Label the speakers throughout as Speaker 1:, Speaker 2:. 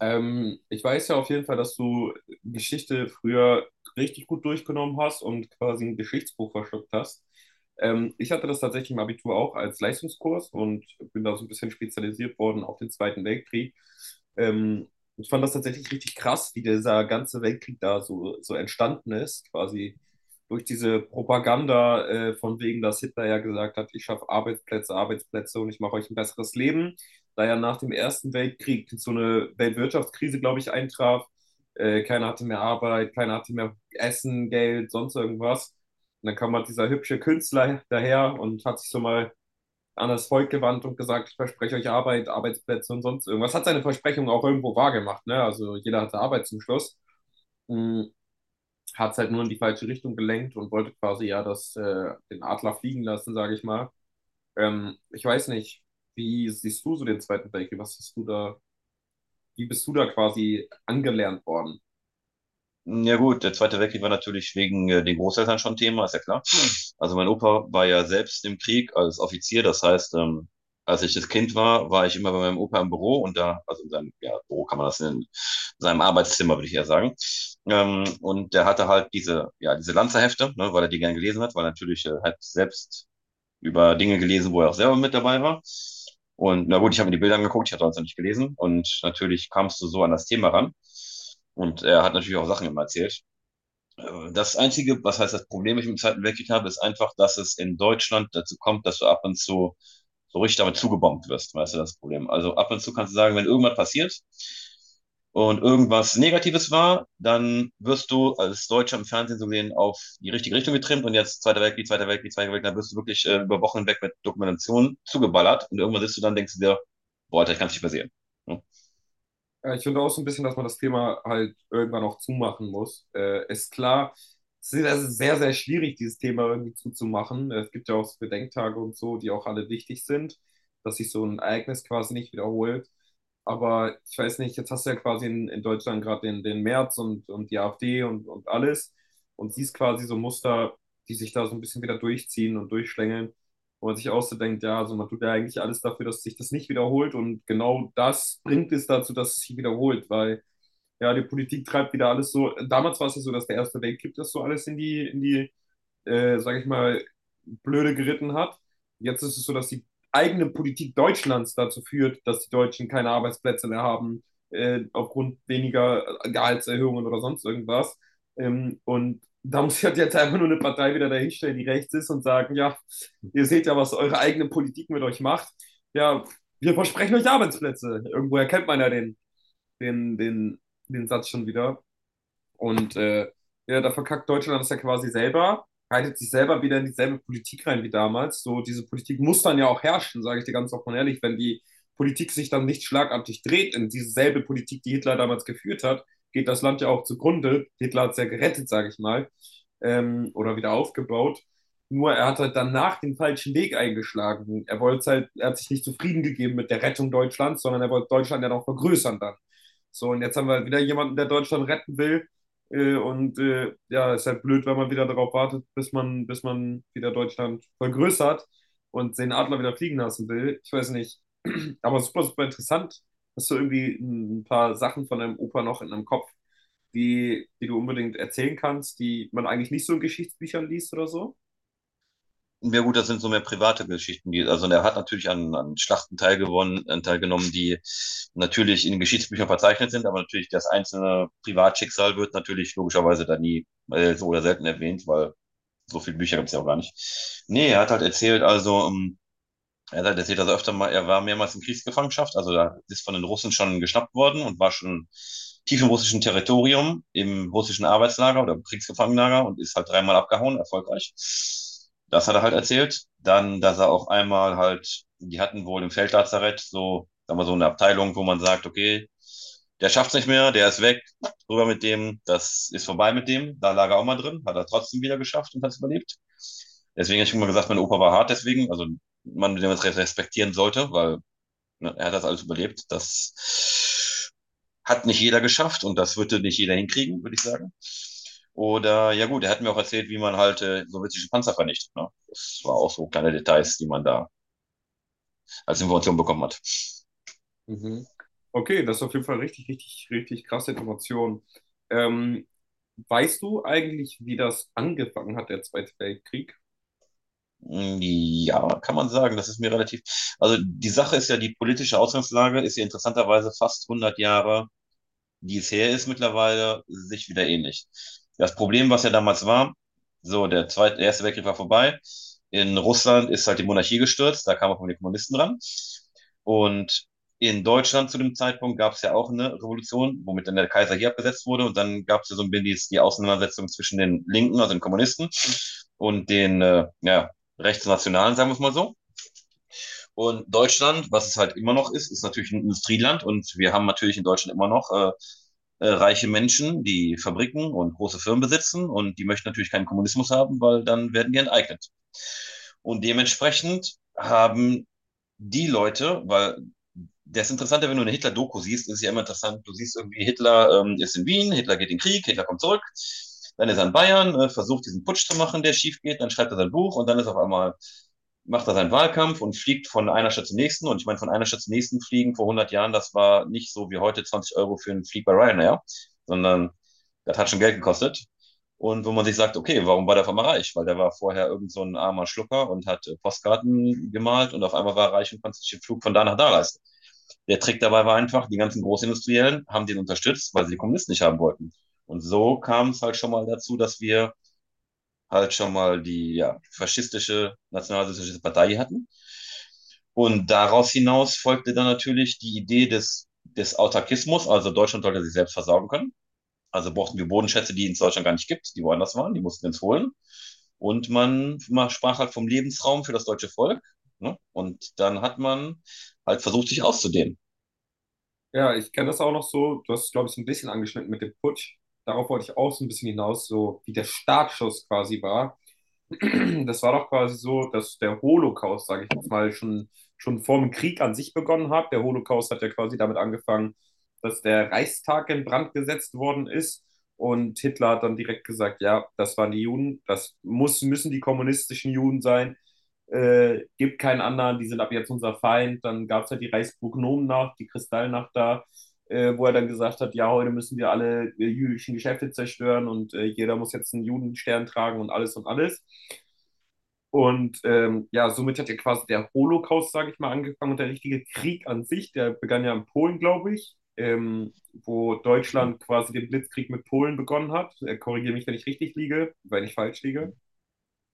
Speaker 1: Ich weiß ja auf jeden Fall, dass du Geschichte früher richtig gut durchgenommen hast und quasi ein Geschichtsbuch verschluckt hast. Ich hatte das tatsächlich im Abitur auch als Leistungskurs und bin da so ein bisschen spezialisiert worden auf den Zweiten Weltkrieg. Ähm, Ich fand das tatsächlich richtig krass, wie dieser ganze Weltkrieg da so entstanden ist, quasi durch diese Propaganda, von wegen, dass Hitler ja gesagt hat, ich schaffe Arbeitsplätze, Arbeitsplätze und ich mache euch ein besseres Leben, da ja nach dem Ersten Weltkrieg so eine Weltwirtschaftskrise, glaube ich, eintraf. Keiner hatte mehr Arbeit, keiner hatte mehr Essen, Geld, sonst irgendwas. Und dann kam halt dieser hübsche Künstler daher und hat sich so mal an das Volk gewandt und gesagt, ich verspreche euch Arbeit, Arbeitsplätze und sonst irgendwas. Hat seine Versprechung auch irgendwo wahrgemacht, ne? Also jeder hatte Arbeit zum Schluss. Hat es halt nur in die falsche Richtung gelenkt und wollte quasi ja das, den Adler fliegen lassen, sage ich mal. Ich weiß nicht, wie siehst du so den Zweiten Weltkrieg? Was hast du da, wie bist du da quasi angelernt worden?
Speaker 2: Ja gut, der Zweite Weltkrieg war natürlich wegen den Großeltern schon Thema, ist ja klar. Also mein Opa war ja selbst im Krieg als Offizier, das heißt, als ich das Kind war, war ich immer bei meinem Opa im Büro und da, also in seinem ja, Büro kann man das nennen, in seinem Arbeitszimmer würde ich eher sagen. Und der hatte halt diese, ja, diese Lanzerhefte, ne, weil er die gern gelesen hat, weil er natürlich halt selbst über Dinge gelesen, wo er auch selber mit dabei war. Und na gut, ich habe mir die Bilder angeguckt, ich hatte sonst noch nicht gelesen. Und natürlich kamst du so an das Thema ran. Und er hat natürlich auch Sachen immer erzählt, das einzige, was heißt das Problem, was ich im dem Zweiten Weltkrieg habe, ist einfach, dass es in Deutschland dazu kommt, dass du ab und zu so richtig damit zugebombt wirst. Weißt du, das Problem. Also ab und zu kannst du sagen, wenn irgendwas passiert und irgendwas Negatives war, dann wirst du als Deutscher im Fernsehen so gesehen auf die richtige Richtung getrimmt und jetzt Zweiter Weltkrieg, Zweiter Weltkrieg, Zweiter Weltkrieg, dann wirst du wirklich über Wochen hinweg mit Dokumentationen zugeballert und irgendwann sitzt du dann und denkst du dir, boah, Alter, ich kann es nicht mehr sehen. Ja?
Speaker 1: Ja, ich finde auch so ein bisschen, dass man das Thema halt irgendwann auch zumachen muss. Ist klar, es ist sehr, sehr schwierig, dieses Thema irgendwie zuzumachen. Es gibt ja auch so Bedenktage und so, die auch alle wichtig sind, dass sich so ein Ereignis quasi nicht wiederholt. Aber ich weiß nicht, jetzt hast du ja quasi in Deutschland gerade den März und die AfD und alles und siehst quasi so Muster, die sich da so ein bisschen wieder durchziehen und durchschlängeln, wo man sich auch so denkt, ja, also man tut ja eigentlich alles dafür, dass sich das nicht wiederholt und genau das bringt es dazu, dass es sich wiederholt, weil ja, die Politik treibt wieder alles so. Damals war es ja so, dass der Erste Weltkrieg das so alles in die sage ich mal, blöde geritten hat. Jetzt ist es so, dass die eigene Politik Deutschlands dazu führt, dass die Deutschen keine Arbeitsplätze mehr haben, aufgrund weniger Gehaltserhöhungen oder sonst irgendwas. Und da muss ich halt jetzt einfach nur eine Partei wieder dahinstellen, die rechts ist und sagen, ja, ihr seht ja, was eure eigene Politik mit euch macht. Ja, wir versprechen euch Arbeitsplätze. Irgendwo erkennt man ja den, den, den Satz schon wieder. Und ja, da verkackt Deutschland das ja quasi selber, reitet sich selber wieder in dieselbe Politik rein wie damals. So, diese Politik muss dann ja auch herrschen, sage ich dir ganz offen und ehrlich. Wenn die Politik sich dann nicht schlagartig dreht in dieselbe Politik, die Hitler damals geführt hat, geht das Land ja auch zugrunde. Hitler hat es ja gerettet, sage ich mal, oder wieder aufgebaut. Nur er hat halt danach den falschen Weg eingeschlagen. Er wollte halt, er hat sich nicht zufrieden gegeben mit der Rettung Deutschlands, sondern er wollte Deutschland ja noch vergrößern dann. So, und jetzt haben wir halt wieder jemanden, der Deutschland retten will, ja, ist halt blöd, wenn man wieder darauf wartet, bis man wieder Deutschland vergrößert und den Adler wieder fliegen lassen will. Ich weiß nicht. Aber super, super interessant, hast du irgendwie ein paar Sachen von deinem Opa noch in deinem Kopf, die du unbedingt erzählen kannst, die man eigentlich nicht so in Geschichtsbüchern liest oder so.
Speaker 2: Ja gut, das sind so mehr private Geschichten, die, also er hat natürlich an, an Schlachten teilgenommen, die natürlich in den Geschichtsbüchern verzeichnet sind, aber natürlich das einzelne Privatschicksal wird natürlich logischerweise da nie so oder selten erwähnt, weil so viele Bücher gibt es ja auch gar nicht. Nee, er hat halt erzählt, also er sagt, er sieht also öfter mal, er war mehrmals in Kriegsgefangenschaft, also da ist von den Russen schon geschnappt worden und war schon tief im russischen Territorium, im russischen Arbeitslager oder im Kriegsgefangenenlager und ist halt dreimal abgehauen, erfolgreich. Das hat er halt erzählt. Dann, dass er auch einmal halt, die hatten wohl im Feldlazarett so, sagen wir so eine Abteilung, wo man sagt, okay, der schafft's nicht mehr, der ist weg, rüber mit dem, das ist vorbei mit dem. Da lag er auch mal drin, hat er trotzdem wieder geschafft und hat's überlebt. Deswegen habe ich immer gesagt, mein Opa war hart, deswegen, also man den respektieren sollte, weil ne, er hat das alles überlebt. Das hat nicht jeder geschafft und das würde nicht jeder hinkriegen, würde ich sagen. Oder, ja gut, er hat mir auch erzählt, wie man halt sowjetische Panzer vernichtet. Ne? Das war auch so kleine Details, die man da als Information bekommen hat.
Speaker 1: Mhm. Okay, das ist auf jeden Fall richtig, richtig, richtig krasse Information. Ähm, Weißt du eigentlich, wie das angefangen hat, der Zweite Weltkrieg?
Speaker 2: Mm, ja, kann man sagen, das ist mir relativ. Also die Sache ist ja, die politische Ausgangslage ist ja interessanterweise fast 100 Jahre wie es her ist mittlerweile, sich wieder ähnlich. Das Problem, was ja damals war, so, der erste Weltkrieg war vorbei. In Russland ist halt die Monarchie gestürzt, da kamen auch mal die Kommunisten ran. Und in Deutschland zu dem Zeitpunkt gab es ja auch eine Revolution, womit dann der Kaiser hier abgesetzt wurde. Und dann gab es ja so ein bisschen die Auseinandersetzung zwischen den Linken, also den Kommunisten, und den ja, Rechtsnationalen, sagen wir es mal so. Und Deutschland, was es halt immer noch ist, ist natürlich ein Industrieland und wir haben natürlich in Deutschland immer noch reiche Menschen, die Fabriken und große Firmen besitzen und die möchten natürlich keinen Kommunismus haben, weil dann werden die enteignet. Und dementsprechend haben die Leute, weil das Interessante, wenn du eine Hitler-Doku siehst, ist ja immer interessant. Du siehst irgendwie, Hitler ist in Wien, Hitler geht in den Krieg, Hitler kommt zurück, dann ist er in Bayern, versucht diesen Putsch zu machen, der schief geht, dann schreibt er sein Buch und dann ist auf einmal, macht er seinen Wahlkampf und fliegt von einer Stadt zur nächsten. Und ich meine, von einer Stadt zur nächsten fliegen vor 100 Jahren, das war nicht so wie heute 20 € für einen Flieg bei Ryanair, sondern das hat schon Geld gekostet. Und wo man sich sagt, okay, warum war der auf einmal reich? Weil der war vorher irgend so ein armer Schlucker und hat Postkarten gemalt und auf einmal war er reich und konnte sich den Flug von da nach da leisten. Der Trick dabei war einfach, die ganzen Großindustriellen haben den unterstützt, weil sie die Kommunisten nicht haben wollten. Und so kam es halt schon mal dazu, dass wir halt schon mal die ja, faschistische, nationalsozialistische Partei hatten. Und daraus hinaus folgte dann natürlich die Idee des Autarkismus, also Deutschland sollte sich selbst versorgen können. Also brauchten wir Bodenschätze, die es in Deutschland gar nicht gibt, die woanders waren, die mussten wir uns holen. Und man sprach halt vom Lebensraum für das deutsche Volk. Ne? Und dann hat man halt versucht, sich auszudehnen.
Speaker 1: Ja, ich kenne das auch noch so. Du hast es, glaube ich, so ein bisschen angeschnitten mit dem Putsch. Darauf wollte ich auch so ein bisschen hinaus, so wie der Startschuss quasi war. Das war doch quasi so, dass der Holocaust, sage ich jetzt mal, schon vor dem Krieg an sich begonnen hat. Der Holocaust hat ja quasi damit angefangen, dass der Reichstag in Brand gesetzt worden ist. Und Hitler hat dann direkt gesagt, ja, das waren die Juden, das müssen die kommunistischen Juden sein, gibt keinen anderen, die sind ab jetzt unser Feind. Dann gab es halt die Reichsprognomennacht, die Kristallnacht da, wo er dann gesagt hat, ja, heute müssen wir alle jüdischen Geschäfte zerstören und jeder muss jetzt einen Judenstern tragen und alles und alles. Und ja, somit hat ja quasi der Holocaust, sage ich mal, angefangen und der richtige Krieg an sich, der begann ja in Polen, glaube ich, wo Deutschland quasi den Blitzkrieg mit Polen begonnen hat. Korrigiere mich, wenn ich richtig liege, wenn ich falsch liege,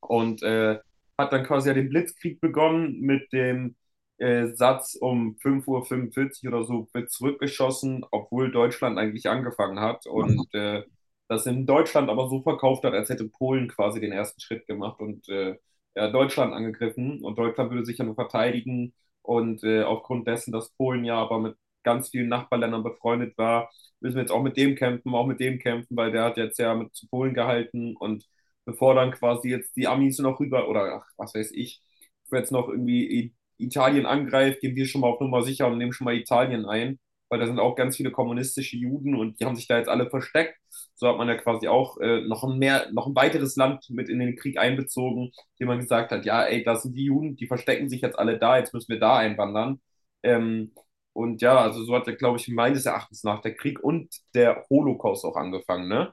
Speaker 1: und äh, hat dann quasi ja den Blitzkrieg begonnen mit dem Satz, um 5:45 Uhr oder so wird zurückgeschossen, obwohl Deutschland eigentlich angefangen hat das in Deutschland aber so verkauft hat, als hätte Polen quasi den ersten Schritt gemacht ja, Deutschland angegriffen und Deutschland würde sich ja nur verteidigen aufgrund dessen, dass Polen ja aber mit ganz vielen Nachbarländern befreundet war, müssen wir jetzt auch mit dem kämpfen, auch mit dem kämpfen, weil der hat jetzt ja mit zu Polen gehalten und bevor dann quasi jetzt die Amis noch rüber oder ach, was weiß ich, bevor jetzt noch irgendwie Italien angreift, gehen wir schon mal auf Nummer sicher und nehmen schon mal Italien ein, weil da sind auch ganz viele kommunistische Juden und die haben sich da jetzt alle versteckt. So hat man ja quasi auch noch ein weiteres Land mit in den Krieg einbezogen, dem man gesagt hat, ja, ey, da sind die Juden, die verstecken sich jetzt alle da, jetzt müssen wir da einwandern. Ähm, und ja, also so hat ja, glaube ich, meines Erachtens nach der Krieg und der Holocaust auch angefangen, ne?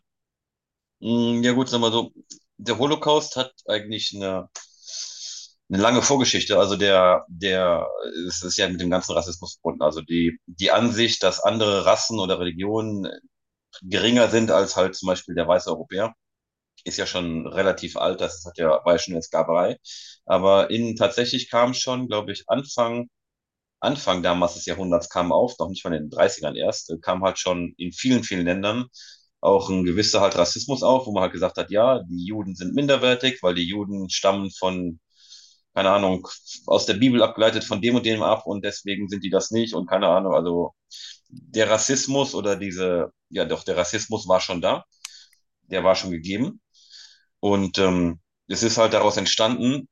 Speaker 2: Mm, ja gut, sagen wir so, der Holocaust hat eigentlich eine lange Vorgeschichte. Also es ist ja mit dem ganzen Rassismus verbunden. Also die Ansicht, dass andere Rassen oder Religionen geringer sind als halt zum Beispiel der weiße Europäer ist ja schon relativ alt, das hat ja, war ja schon in der Sklaverei. Aber in, tatsächlich kam schon, glaube ich, Anfang damals des Jahrhunderts kam auf, noch nicht mal in den Dreißigern ern erst, kam halt schon in vielen, vielen Ländern auch ein gewisser halt Rassismus auf, wo man halt gesagt hat, ja, die Juden sind minderwertig, weil die Juden stammen von, keine Ahnung, aus der Bibel abgeleitet von dem und dem ab und deswegen sind die das nicht und keine Ahnung, also der Rassismus oder diese, ja doch, der Rassismus war schon da, der war schon gegeben. Und es ist halt daraus entstanden,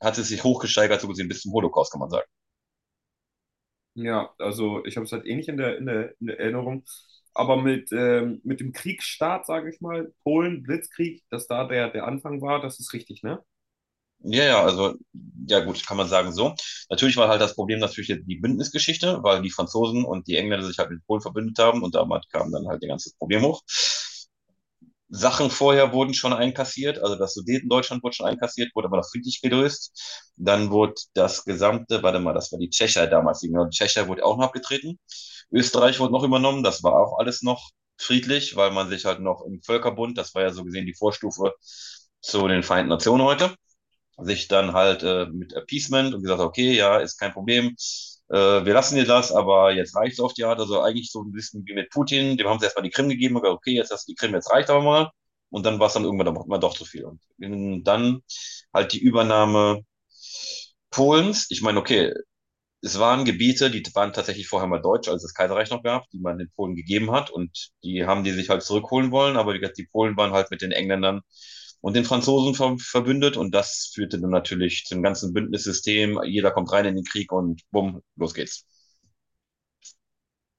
Speaker 2: hat es sich hochgesteigert, so gesehen, bis zum Holocaust, kann man sagen.
Speaker 1: Ja, also ich habe es halt ähnlich in in der Erinnerung. Aber mit dem Kriegsstart, sage ich mal, Polen, Blitzkrieg, dass da der Anfang war, das ist richtig, ne?
Speaker 2: Ja, ja, also, ja gut, kann man sagen so. Natürlich war halt das Problem natürlich jetzt die Bündnisgeschichte, weil die Franzosen und die Engländer sich halt mit Polen verbündet haben und damit kam dann halt ihr ganzes Problem hoch. Sachen vorher wurden schon einkassiert, also das Sudetendeutschland wurde schon einkassiert, wurde aber noch friedlich gelöst. Dann wurde das gesamte, warte mal, das war die Tschechei damals, die Tschechei wurde auch noch abgetreten. Österreich wurde noch übernommen, das war auch alles noch friedlich, weil man sich halt noch im Völkerbund, das war ja so gesehen die Vorstufe zu den Vereinten Nationen heute sich dann halt mit Appeasement und gesagt, okay, ja, ist kein Problem, äh, wir lassen dir das, aber jetzt reicht's auf die Art. Also eigentlich so ein bisschen wie mit Putin, dem haben sie erstmal die Krim gegeben, und gesagt, okay, jetzt hast du die Krim, jetzt reicht aber mal. Und dann war es dann irgendwann doch, doch zu viel. Und dann halt die Übernahme Polens. Ich meine, okay, es waren Gebiete, die waren tatsächlich vorher mal deutsch, als es das Kaiserreich noch gab, die man den Polen gegeben hat und die haben die sich halt zurückholen wollen, aber wie gesagt, die Polen waren halt mit den Engländern und den Franzosen verbündet und das führte dann natürlich zum ganzen Bündnissystem, jeder kommt rein in den Krieg und bumm, los geht's.